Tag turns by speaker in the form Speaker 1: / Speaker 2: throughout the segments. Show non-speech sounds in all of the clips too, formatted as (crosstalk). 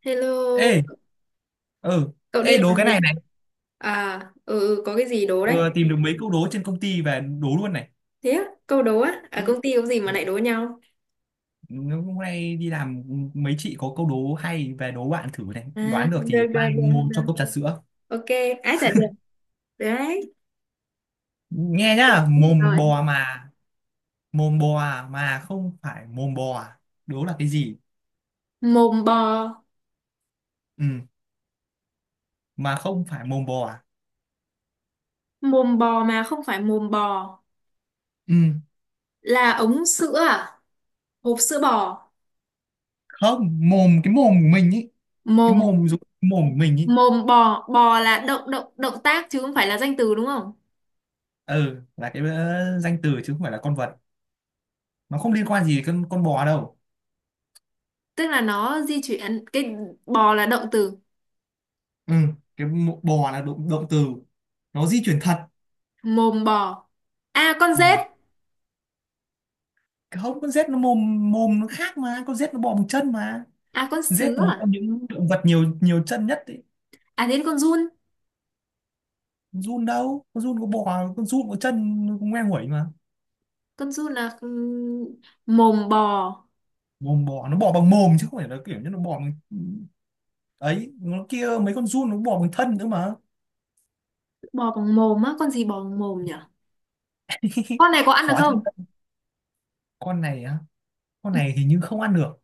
Speaker 1: Hello,
Speaker 2: Ê, ừ,
Speaker 1: cậu đi
Speaker 2: ê đố
Speaker 1: làm
Speaker 2: cái
Speaker 1: về
Speaker 2: này
Speaker 1: chưa?
Speaker 2: này,
Speaker 1: À, ừ, ừ, có cái gì đố đấy?
Speaker 2: vừa tìm được mấy câu đố trên công ty về đố luôn này.
Speaker 1: Thế á, câu đố á, ở
Speaker 2: Ừ.
Speaker 1: công ty có gì mà lại đố nhau?
Speaker 2: Hôm nay đi làm mấy chị có câu đố hay về đố bạn thử này,
Speaker 1: À,
Speaker 2: đoán được
Speaker 1: được,
Speaker 2: thì
Speaker 1: được,
Speaker 2: mai
Speaker 1: được,
Speaker 2: mua
Speaker 1: được.
Speaker 2: cho cốc trà sữa.
Speaker 1: Ok, ai trả được, được đấy.
Speaker 2: Nghe
Speaker 1: Ừ,
Speaker 2: nhá, mồm
Speaker 1: rồi.
Speaker 2: bò mà, mồm bò à, mà không phải mồm bò, à. Đố là cái gì?
Speaker 1: Mồm bò,
Speaker 2: Ừ, mà không phải mồm bò. À.
Speaker 1: mồm bò mà không phải mồm bò,
Speaker 2: Ừ,
Speaker 1: là ống sữa à? Hộp sữa bò,
Speaker 2: không, mồm cái mồm của mình ý, cái
Speaker 1: mồm,
Speaker 2: mồm dùng mồm của mình ý.
Speaker 1: mồm bò, bò là động tác chứ không phải là danh từ đúng không?
Speaker 2: Ừ, là cái danh từ chứ không phải là con vật. Nó không liên quan gì đến con bò đâu.
Speaker 1: Tức là nó di chuyển, cái bò là động từ,
Speaker 2: Ừ, bò là động từ, nó di chuyển thật.
Speaker 1: mồm bò. À, con
Speaker 2: Ừ.
Speaker 1: dết,
Speaker 2: Không, con rết nó mồm mồm nó khác mà, con rết nó bò bằng chân mà.
Speaker 1: à, con
Speaker 2: Rết
Speaker 1: sứa
Speaker 2: là một
Speaker 1: à?
Speaker 2: trong những động vật nhiều nhiều chân nhất ấy.
Speaker 1: À thế con giun.
Speaker 2: Giun đâu, con giun có bò, con giun có chân, nó cũng ngoe nguẩy mà.
Speaker 1: Con giun là mồm bò.
Speaker 2: Mồm bò nó bò bằng mồm chứ không phải là kiểu như nó bò bằng ừ, Ấy nó kia, mấy con giun nó bò bằng thân nữa mà.
Speaker 1: Bò bằng mồm á? Con gì bò bằng mồm nhỉ?
Speaker 2: (laughs)
Speaker 1: Con này có ăn được
Speaker 2: Khó chứ.
Speaker 1: không?
Speaker 2: Con này á, con
Speaker 1: Ừ,
Speaker 2: này hình như không ăn được,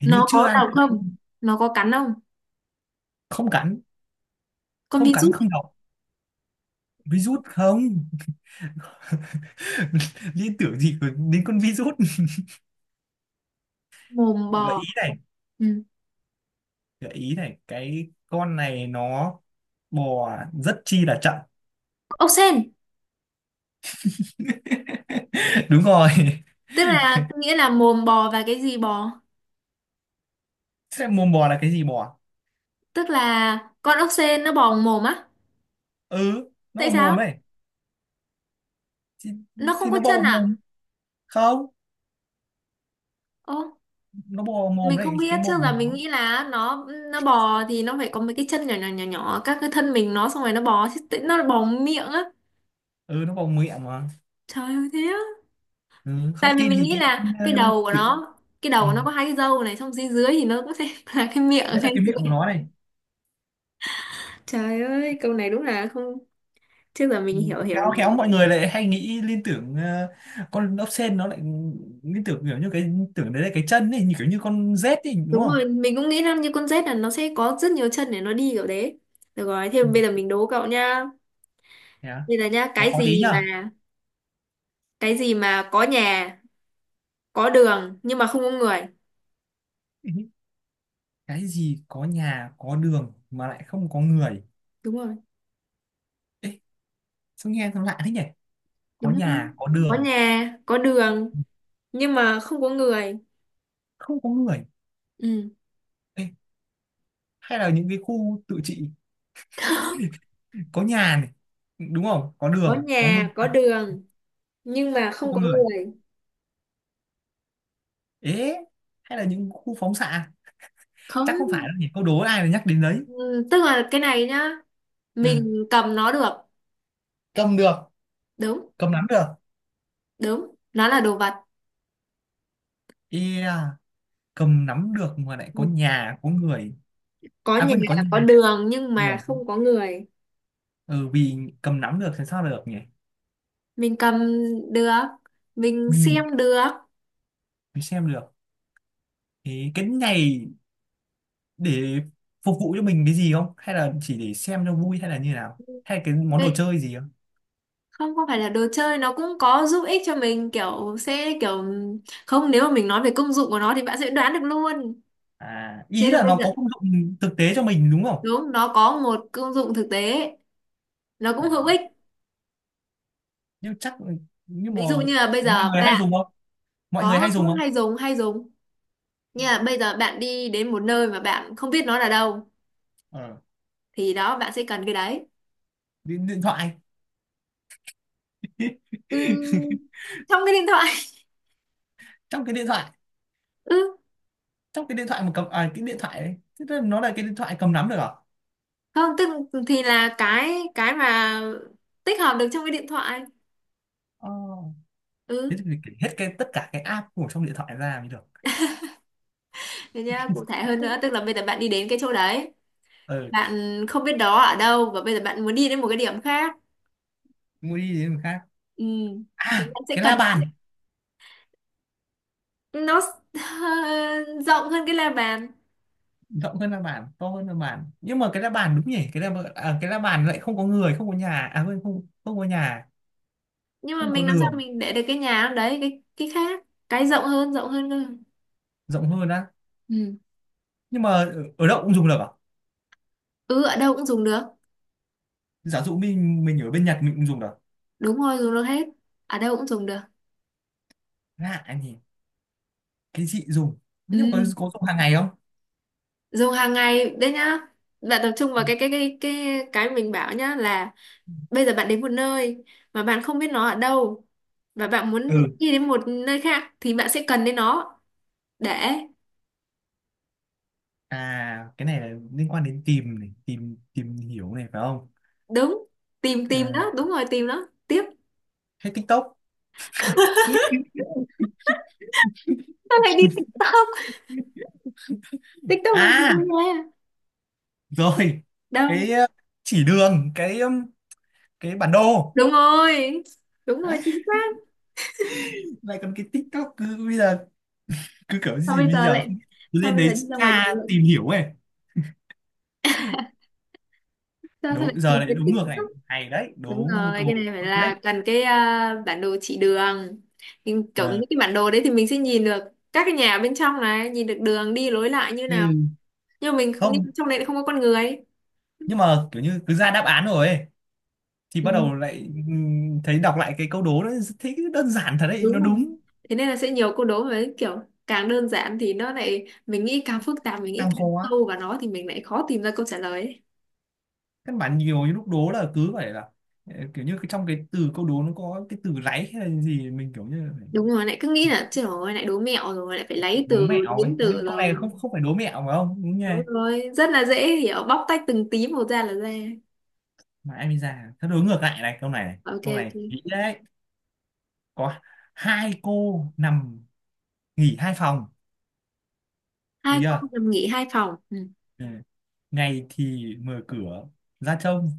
Speaker 2: hình như
Speaker 1: nó
Speaker 2: chưa
Speaker 1: có
Speaker 2: ăn.
Speaker 1: đau không? Nó có cắn không?
Speaker 2: Không cắn,
Speaker 1: Con
Speaker 2: không cắn
Speaker 1: virus.
Speaker 2: không độc. Virus không? (laughs) Liên tưởng gì đến con virus.
Speaker 1: Mồm
Speaker 2: Gợi
Speaker 1: bò.
Speaker 2: ý này,
Speaker 1: Ừ.
Speaker 2: cái con này nó bò rất chi là chậm.
Speaker 1: Ốc sên.
Speaker 2: (laughs) Đúng rồi.
Speaker 1: Tức là nghĩa là mồm bò và cái gì bò?
Speaker 2: Thế mồm bò là cái gì bò?
Speaker 1: Tức là con ốc sên nó bò bằng mồm á?
Speaker 2: Ừ, nó
Speaker 1: Tại
Speaker 2: bò mồm
Speaker 1: sao?
Speaker 2: ấy. thì,
Speaker 1: Nó không
Speaker 2: thì
Speaker 1: có
Speaker 2: nó bò
Speaker 1: chân
Speaker 2: vào
Speaker 1: à?
Speaker 2: mồm. Không,
Speaker 1: Ô,
Speaker 2: nó bò vào mồm
Speaker 1: mình không
Speaker 2: đấy, cái
Speaker 1: biết, trước là
Speaker 2: mồm của
Speaker 1: mình
Speaker 2: nó.
Speaker 1: nghĩ là nó bò thì nó phải có mấy cái chân nhỏ nhỏ nhỏ nhỏ các cái thân mình nó xong rồi nó bò chứ tự- nó bò bằng miệng á?
Speaker 2: Ừ, nó bò miệng mà.
Speaker 1: Trời ơi thế,
Speaker 2: Ừ,
Speaker 1: tại
Speaker 2: không
Speaker 1: vì
Speaker 2: tin
Speaker 1: mình
Speaker 2: thì
Speaker 1: nghĩ
Speaker 2: tin.
Speaker 1: là cái đầu của nó, cái
Speaker 2: Ừ.
Speaker 1: đầu của nó có hai cái râu này xong dưới dưới thì nó có thể (laughs) là cái miệng ở
Speaker 2: Đấy là
Speaker 1: ngay
Speaker 2: cái
Speaker 1: dưới.
Speaker 2: miệng của nó này.
Speaker 1: Trời ơi câu này đúng là không, trước giờ
Speaker 2: Ừ,
Speaker 1: mình hiểu hiểu
Speaker 2: khéo
Speaker 1: nhỉ.
Speaker 2: khéo mọi người lại hay nghĩ liên tưởng, con ốc sên nó lại liên tưởng kiểu như cái, tưởng đấy là cái chân ấy như kiểu như con rết ấy, đúng
Speaker 1: Đúng
Speaker 2: không.
Speaker 1: rồi mình cũng nghĩ là như con rết là nó sẽ có rất nhiều chân để nó đi kiểu đấy. Được rồi thế
Speaker 2: Ừ.
Speaker 1: bây giờ mình đố cậu nhá.
Speaker 2: Thế à?
Speaker 1: Bây giờ nhá,
Speaker 2: Khó
Speaker 1: cái
Speaker 2: khó tí
Speaker 1: gì
Speaker 2: nhở.
Speaker 1: mà, cái gì mà có nhà có đường nhưng mà không có người?
Speaker 2: Ừ. (laughs) Cái gì có nhà có đường mà lại không có người?
Speaker 1: Đúng rồi.
Speaker 2: Ê, sao nghe nó lạ thế nhỉ, có
Speaker 1: Đúng không,
Speaker 2: nhà có
Speaker 1: có
Speaker 2: đường,
Speaker 1: nhà có đường nhưng mà không có người.
Speaker 2: không có người.
Speaker 1: Ừ,
Speaker 2: Ê, hay là những cái khu tự trị, có nhà này, đúng không, có
Speaker 1: có
Speaker 2: đường, có người
Speaker 1: nhà có
Speaker 2: à,
Speaker 1: đường nhưng mà
Speaker 2: không
Speaker 1: không
Speaker 2: có
Speaker 1: có
Speaker 2: người.
Speaker 1: người.
Speaker 2: Ế, hay là những khu phóng xạ?
Speaker 1: Không.
Speaker 2: Chắc không phải đâu nhỉ, câu đố ai mà nhắc đến đấy.
Speaker 1: Ừ, tức là cái này nhá,
Speaker 2: Ừ.
Speaker 1: mình cầm nó được.
Speaker 2: Cầm được,
Speaker 1: Đúng,
Speaker 2: cầm nắm được.
Speaker 1: đúng nó là đồ vật.
Speaker 2: Yeah, cầm nắm được mà lại có nhà có người,
Speaker 1: Có
Speaker 2: à
Speaker 1: nhà
Speaker 2: quên, có nhà,
Speaker 1: có đường nhưng
Speaker 2: được.
Speaker 1: mà không có người.
Speaker 2: Ừ, vì cầm nắm được thì sao được nhỉ.
Speaker 1: Mình cầm được, mình
Speaker 2: Ừ,
Speaker 1: xem được.
Speaker 2: mình xem được. Thế cái này để phục vụ cho mình cái gì không, hay là chỉ để xem cho vui, hay là như nào, hay là cái món đồ
Speaker 1: Đấy,
Speaker 2: chơi gì không?
Speaker 1: không có phải là đồ chơi, nó cũng có giúp ích cho mình kiểu sẽ kiểu, không nếu mà mình nói về công dụng của nó thì bạn sẽ đoán được luôn.
Speaker 2: À,
Speaker 1: Thế
Speaker 2: ý
Speaker 1: thì
Speaker 2: là
Speaker 1: bây
Speaker 2: nó
Speaker 1: giờ,
Speaker 2: có công dụng thực tế cho mình đúng không.
Speaker 1: đúng nó có một công dụng thực tế, nó
Speaker 2: À,
Speaker 1: cũng hữu ích.
Speaker 2: nhưng chắc, nhưng mà
Speaker 1: Ví dụ như là bây
Speaker 2: mọi
Speaker 1: giờ
Speaker 2: người hay
Speaker 1: bạn,
Speaker 2: dùng không, mọi người hay
Speaker 1: có cũng
Speaker 2: dùng không?
Speaker 1: hay dùng hay dùng. Như là bây giờ bạn đi đến một nơi mà bạn không biết nó là đâu
Speaker 2: ờ,
Speaker 1: thì đó bạn sẽ cần cái đấy.
Speaker 2: điện thoại. (laughs)
Speaker 1: Ừm, trong cái điện thoại. (laughs)
Speaker 2: Trong cái điện thoại,
Speaker 1: Ừ,
Speaker 2: trong cái điện thoại mà cầm à, cái điện thoại đấy, thế là nó là cái điện thoại cầm nắm được à.
Speaker 1: không tức thì là cái mà tích hợp được trong cái điện thoại.
Speaker 2: Oh. Thế
Speaker 1: Ừ,
Speaker 2: thì mình kể hết cái tất cả cái app của trong điện thoại ra mới được.
Speaker 1: thế nhá, cụ thể hơn nữa tức là bây giờ bạn đi đến cái chỗ đấy,
Speaker 2: ờ
Speaker 1: bạn không biết đó ở đâu và bây giờ bạn muốn đi đến một cái điểm khác.
Speaker 2: mua đi đến người khác.
Speaker 1: Ừ thì
Speaker 2: À,
Speaker 1: bạn sẽ
Speaker 2: cái
Speaker 1: cần
Speaker 2: la
Speaker 1: nó.
Speaker 2: bàn.
Speaker 1: Nó (laughs) rộng hơn cái la bàn,
Speaker 2: Rộng hơn la bàn, to hơn la bàn, nhưng mà cái la bàn đúng nhỉ, cái la bàn, à, cái la bàn lại không có người, không có nhà, à quên, không, không có nhà,
Speaker 1: nhưng mà
Speaker 2: không có
Speaker 1: mình làm sao
Speaker 2: đường.
Speaker 1: mình để được cái nhà đấy cái khác, cái rộng hơn cơ.
Speaker 2: Rộng hơn á?
Speaker 1: Ừ.
Speaker 2: Nhưng mà ở đâu cũng dùng được à?
Speaker 1: Ừ ở đâu cũng dùng được.
Speaker 2: Giả dụ mình ở bên Nhật mình cũng dùng được.
Speaker 1: Đúng rồi, dùng được hết. Ở đâu cũng dùng được.
Speaker 2: Lạ nhỉ, cái gì dùng, nhưng mà có
Speaker 1: Ừ.
Speaker 2: có dùng hàng ngày không?
Speaker 1: Dùng hàng ngày đấy nhá. Bạn tập trung
Speaker 2: Ừ.
Speaker 1: vào cái cái mình bảo nhá là bây giờ bạn đến một nơi mà bạn không biết nó ở đâu và bạn muốn
Speaker 2: Ừ.
Speaker 1: đi đến một nơi khác thì bạn sẽ cần đến nó để
Speaker 2: À, cái này là liên quan đến tìm này, tìm tìm hiểu này phải không?
Speaker 1: đúng tìm tìm
Speaker 2: Ờ,
Speaker 1: đó, đúng rồi tìm nó. Tiếp.
Speaker 2: hay TikTok?
Speaker 1: (laughs)
Speaker 2: (laughs)
Speaker 1: Sao lại đi TikTok? TikTok làm gì đâu
Speaker 2: À,
Speaker 1: nha.
Speaker 2: rồi.
Speaker 1: Đâu?
Speaker 2: Cái chỉ đường, cái bản đồ.
Speaker 1: Đúng rồi. Đúng
Speaker 2: À,
Speaker 1: rồi, chính xác.
Speaker 2: lại còn cái TikTok cứ bây giờ cứ kiểu
Speaker 1: Sao
Speaker 2: gì
Speaker 1: bây
Speaker 2: bây
Speaker 1: giờ
Speaker 2: giờ
Speaker 1: lại,
Speaker 2: không biết. Cứ
Speaker 1: sao
Speaker 2: lên
Speaker 1: bây
Speaker 2: đấy
Speaker 1: giờ đi ra ngoài
Speaker 2: tra tìm
Speaker 1: đường,
Speaker 2: hiểu ấy.
Speaker 1: sao lại
Speaker 2: Đúng giờ
Speaker 1: tìm
Speaker 2: lại
Speaker 1: đến
Speaker 2: đúng ngược này.
Speaker 1: TikTok?
Speaker 2: Hay đấy,
Speaker 1: Đúng
Speaker 2: đố
Speaker 1: rồi cái này
Speaker 2: câu
Speaker 1: phải
Speaker 2: ngược đấy.
Speaker 1: là cần cái bản đồ chỉ đường, nhưng kiểu những
Speaker 2: Ờ,
Speaker 1: cái bản đồ đấy thì mình sẽ nhìn được các cái nhà bên trong này, nhìn được đường đi lối lại như nào,
Speaker 2: ừ.
Speaker 1: nhưng mà mình
Speaker 2: Không,
Speaker 1: nhưng trong đấy lại không có con người.
Speaker 2: nhưng mà kiểu như cứ ra đáp án rồi ấy, thì
Speaker 1: Ừ,
Speaker 2: bắt đầu lại. Thấy đọc lại cái câu đố nó thấy đơn giản thật đấy,
Speaker 1: đúng
Speaker 2: nó
Speaker 1: rồi
Speaker 2: đúng.
Speaker 1: thế nên là sẽ nhiều câu đố với kiểu càng đơn giản thì nó lại mình nghĩ càng phức tạp, mình nghĩ
Speaker 2: Càng khó,
Speaker 1: càng sâu vào nó thì mình lại khó tìm ra câu trả lời ấy.
Speaker 2: các bạn nhiều những lúc đố là cứ phải là, kiểu như cái trong cái từ câu đố nó có cái từ ráy hay là gì, mình kiểu như phải.
Speaker 1: Đúng rồi lại cứ nghĩ là trời ơi lại đố mẹo rồi lại phải lấy
Speaker 2: Đố
Speaker 1: từ,
Speaker 2: mẹo ấy,
Speaker 1: biến từ
Speaker 2: nhưng con
Speaker 1: rồi.
Speaker 2: này không không phải đố mẹo phải không, đúng nhỉ.
Speaker 1: Đúng rồi rất là dễ hiểu, bóc tách từng tí một ra là ra.
Speaker 2: Mà em đi ra thật đối ngược lại này, câu này này
Speaker 1: Ok
Speaker 2: câu
Speaker 1: ok.
Speaker 2: này kỹ đấy. Có hai cô nằm nghỉ hai phòng, được
Speaker 1: Hai cô
Speaker 2: chưa.
Speaker 1: nằm nghỉ hai phòng. Ừ.
Speaker 2: Ừ. Ngày thì mở cửa ra trông,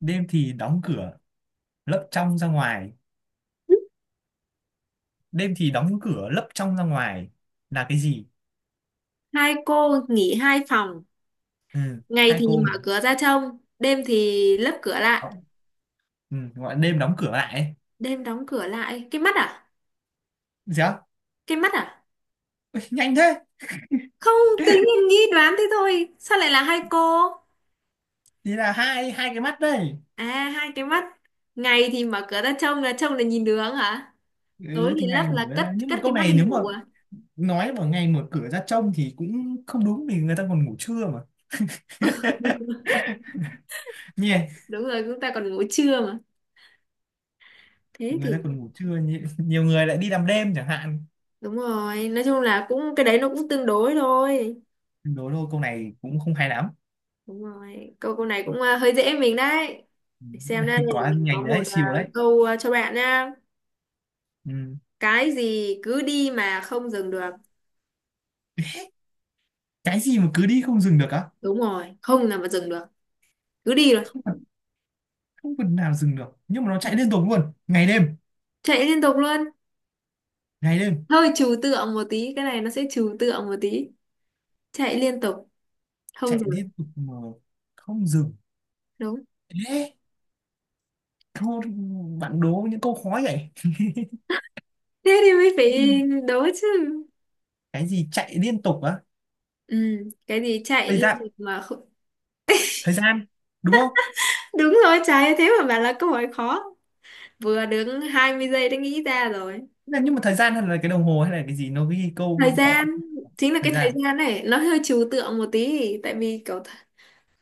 Speaker 2: đêm thì đóng cửa lấp trong ra ngoài, đêm thì đóng cửa lấp trong ra ngoài, là cái gì?
Speaker 1: Hai cô nghỉ hai phòng,
Speaker 2: Ừ.
Speaker 1: ngày
Speaker 2: Hai
Speaker 1: thì
Speaker 2: cô nghỉ.
Speaker 1: mở cửa ra trông, đêm thì lấp cửa lại.
Speaker 2: Ừ, gọi là đêm đóng cửa lại ấy.
Speaker 1: Đêm đóng cửa lại, cái mắt à?
Speaker 2: Dạ.
Speaker 1: Cái mắt à?
Speaker 2: Ui, nhanh thế.
Speaker 1: Không, tự nhiên nghĩ đoán thế thôi, sao lại là hai cô?
Speaker 2: Thì là hai hai cái mắt đây.
Speaker 1: À hai cái mắt. Ngày thì mở cửa ra trông là nhìn đường hả? Tối
Speaker 2: Ừ,
Speaker 1: thì
Speaker 2: thì
Speaker 1: lấp
Speaker 2: ngày
Speaker 1: là
Speaker 2: mở ra,
Speaker 1: cất
Speaker 2: nhưng
Speaker 1: cất
Speaker 2: mà
Speaker 1: cái
Speaker 2: câu
Speaker 1: mắt
Speaker 2: này
Speaker 1: đi
Speaker 2: nếu mà
Speaker 1: ngủ à?
Speaker 2: nói vào ngày mở cửa ra trông thì cũng không đúng vì người ta còn ngủ trưa mà, nhỉ.
Speaker 1: Đúng rồi chúng ta còn ngủ trưa mà. Thế
Speaker 2: Người
Speaker 1: thì,
Speaker 2: ta còn ngủ trưa, nhiều người lại đi làm đêm chẳng hạn.
Speaker 1: đúng rồi nói chung là cũng cái đấy nó cũng tương đối thôi.
Speaker 2: Đố thôi, câu này cũng không hay lắm.
Speaker 1: Đúng rồi câu câu này cũng hơi dễ mình đấy.
Speaker 2: Ừ,
Speaker 1: Để xem đây,
Speaker 2: (laughs) quá
Speaker 1: mình có
Speaker 2: nhanh
Speaker 1: một
Speaker 2: đấy, siêu đấy.
Speaker 1: câu cho bạn nha.
Speaker 2: Ừ.
Speaker 1: Cái gì cứ đi mà không dừng được?
Speaker 2: Cái gì mà cứ đi không dừng được á?
Speaker 1: Đúng rồi không là mà dừng được, cứ đi rồi.
Speaker 2: không phần- Không phần nào dừng được, nhưng mà nó chạy liên tục luôn ngày đêm.
Speaker 1: Chạy liên tục luôn.
Speaker 2: Ngày đêm,
Speaker 1: Hơi trừu tượng một tí, cái này nó sẽ trừu tượng một tí. Chạy liên tục, không
Speaker 2: chạy
Speaker 1: dừng được.
Speaker 2: liên tục mà không dừng.
Speaker 1: Đúng.
Speaker 2: Ê, thôi, bạn đố những câu khó vậy.
Speaker 1: Thế thì mới phải đố chứ.
Speaker 2: Cái gì chạy liên tục á?
Speaker 1: Ừ cái gì chạy
Speaker 2: Thời
Speaker 1: liên
Speaker 2: gian.
Speaker 1: tục mà không.
Speaker 2: Thời gian, đúng không?
Speaker 1: Đúng rồi trái thế mà bảo là câu hỏi khó, vừa đứng 20 giây đã nghĩ ra rồi.
Speaker 2: Thế là, nhưng mà thời gian hay là cái đồng hồ hay là cái gì nó ghi
Speaker 1: Thời
Speaker 2: câu họ.
Speaker 1: gian, chính là
Speaker 2: Thời
Speaker 1: cái thời
Speaker 2: gian.
Speaker 1: gian này nó hơi trừu tượng một tí tại vì kiểu th-,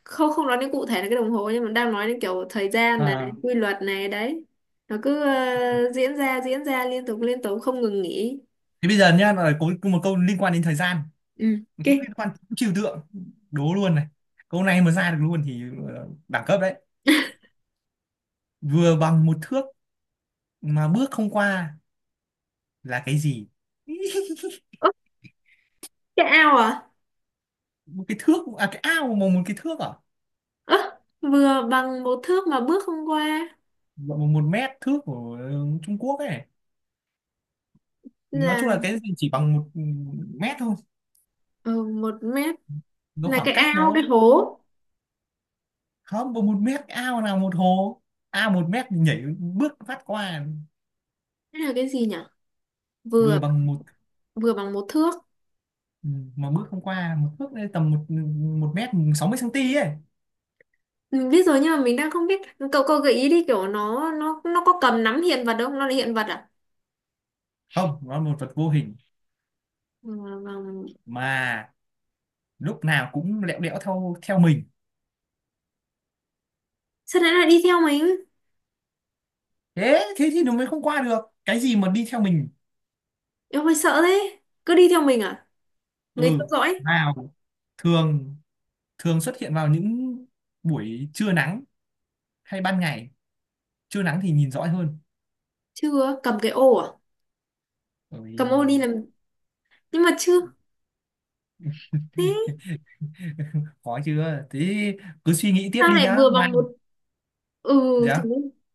Speaker 1: không không nói đến cụ thể là cái đồng hồ nhưng mà đang nói đến kiểu thời gian này,
Speaker 2: À,
Speaker 1: quy luật này đấy, nó cứ diễn ra liên tục không ngừng nghỉ.
Speaker 2: thế bây giờ nhá là có một câu liên quan đến thời gian,
Speaker 1: Ừ ok.
Speaker 2: cũng liên quan đến trừu tượng, đố luôn này. Câu này mà ra được luôn thì đẳng cấp đấy. Vừa bằng một thước mà bước không qua, là cái gì?
Speaker 1: Ơ cái ao à?
Speaker 2: Một cái thước à, cái ao mà một cái thước à.
Speaker 1: Ơ vừa bằng một thước mà bước không qua.
Speaker 2: Một một mét thước của Trung Quốc ấy. Nói
Speaker 1: Là
Speaker 2: chung là cái gì chỉ bằng một mét thôi.
Speaker 1: ừ, một mét.
Speaker 2: Nó
Speaker 1: Là
Speaker 2: khoảng
Speaker 1: cái
Speaker 2: cách
Speaker 1: ao
Speaker 2: nó
Speaker 1: cái hố.
Speaker 2: không bằng một mét, ao nào một hồ ao một mét thì nhảy bước phát qua.
Speaker 1: Cái là cái gì nhỉ?
Speaker 2: Vừa
Speaker 1: Vừa,
Speaker 2: bằng một
Speaker 1: vừa bằng một thước.
Speaker 2: mà bước không qua, một bước lên tầm một một mét 60 cm ấy.
Speaker 1: Mình biết rồi nhưng mà mình đang không biết. Cậu cậu gợi ý đi kiểu nó có cầm nắm hiện vật không, nó là hiện vật à?
Speaker 2: Không, nó là một vật vô hình
Speaker 1: Ừ, vâng.
Speaker 2: mà lúc nào cũng lẹo đẽo theo theo mình.
Speaker 1: Sao nãy lại đi theo mình?
Speaker 2: Thế thế thì nó mới không qua được. Cái gì mà đi theo mình?
Speaker 1: Em hơi sợ thế. Cứ đi theo mình à? Người theo
Speaker 2: Ừ.
Speaker 1: dõi.
Speaker 2: Nào, thường, thường xuất hiện vào những buổi trưa nắng hay ban ngày, trưa nắng thì nhìn rõ hơn.
Speaker 1: Chưa cầm cái ô à? Cầm ô đi
Speaker 2: Ôi,
Speaker 1: làm nhưng mà chưa thế.
Speaker 2: (laughs) khó chưa thế, cứ suy nghĩ tiếp
Speaker 1: Sao
Speaker 2: đi
Speaker 1: lại
Speaker 2: nhá
Speaker 1: vừa
Speaker 2: mai.
Speaker 1: bằng một. Ừ. Thật,
Speaker 2: Dạ.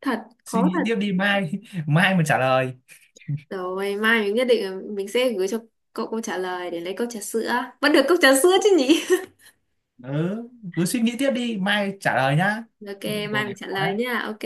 Speaker 1: thật.
Speaker 2: Suy
Speaker 1: Khó
Speaker 2: nghĩ
Speaker 1: thật.
Speaker 2: tiếp đi mai, (laughs) mai mà trả lời.
Speaker 1: Rồi mai mình nhất định là mình sẽ gửi cho cậu câu trả lời để lấy cốc trà sữa. Vẫn được cốc trà sữa chứ nhỉ?
Speaker 2: Ừ, cứ suy nghĩ tiếp đi mai trả lời nhá.
Speaker 1: (laughs) Ok
Speaker 2: Câu
Speaker 1: mai mình
Speaker 2: này
Speaker 1: trả
Speaker 2: khó
Speaker 1: lời
Speaker 2: đấy.
Speaker 1: nha. Ok.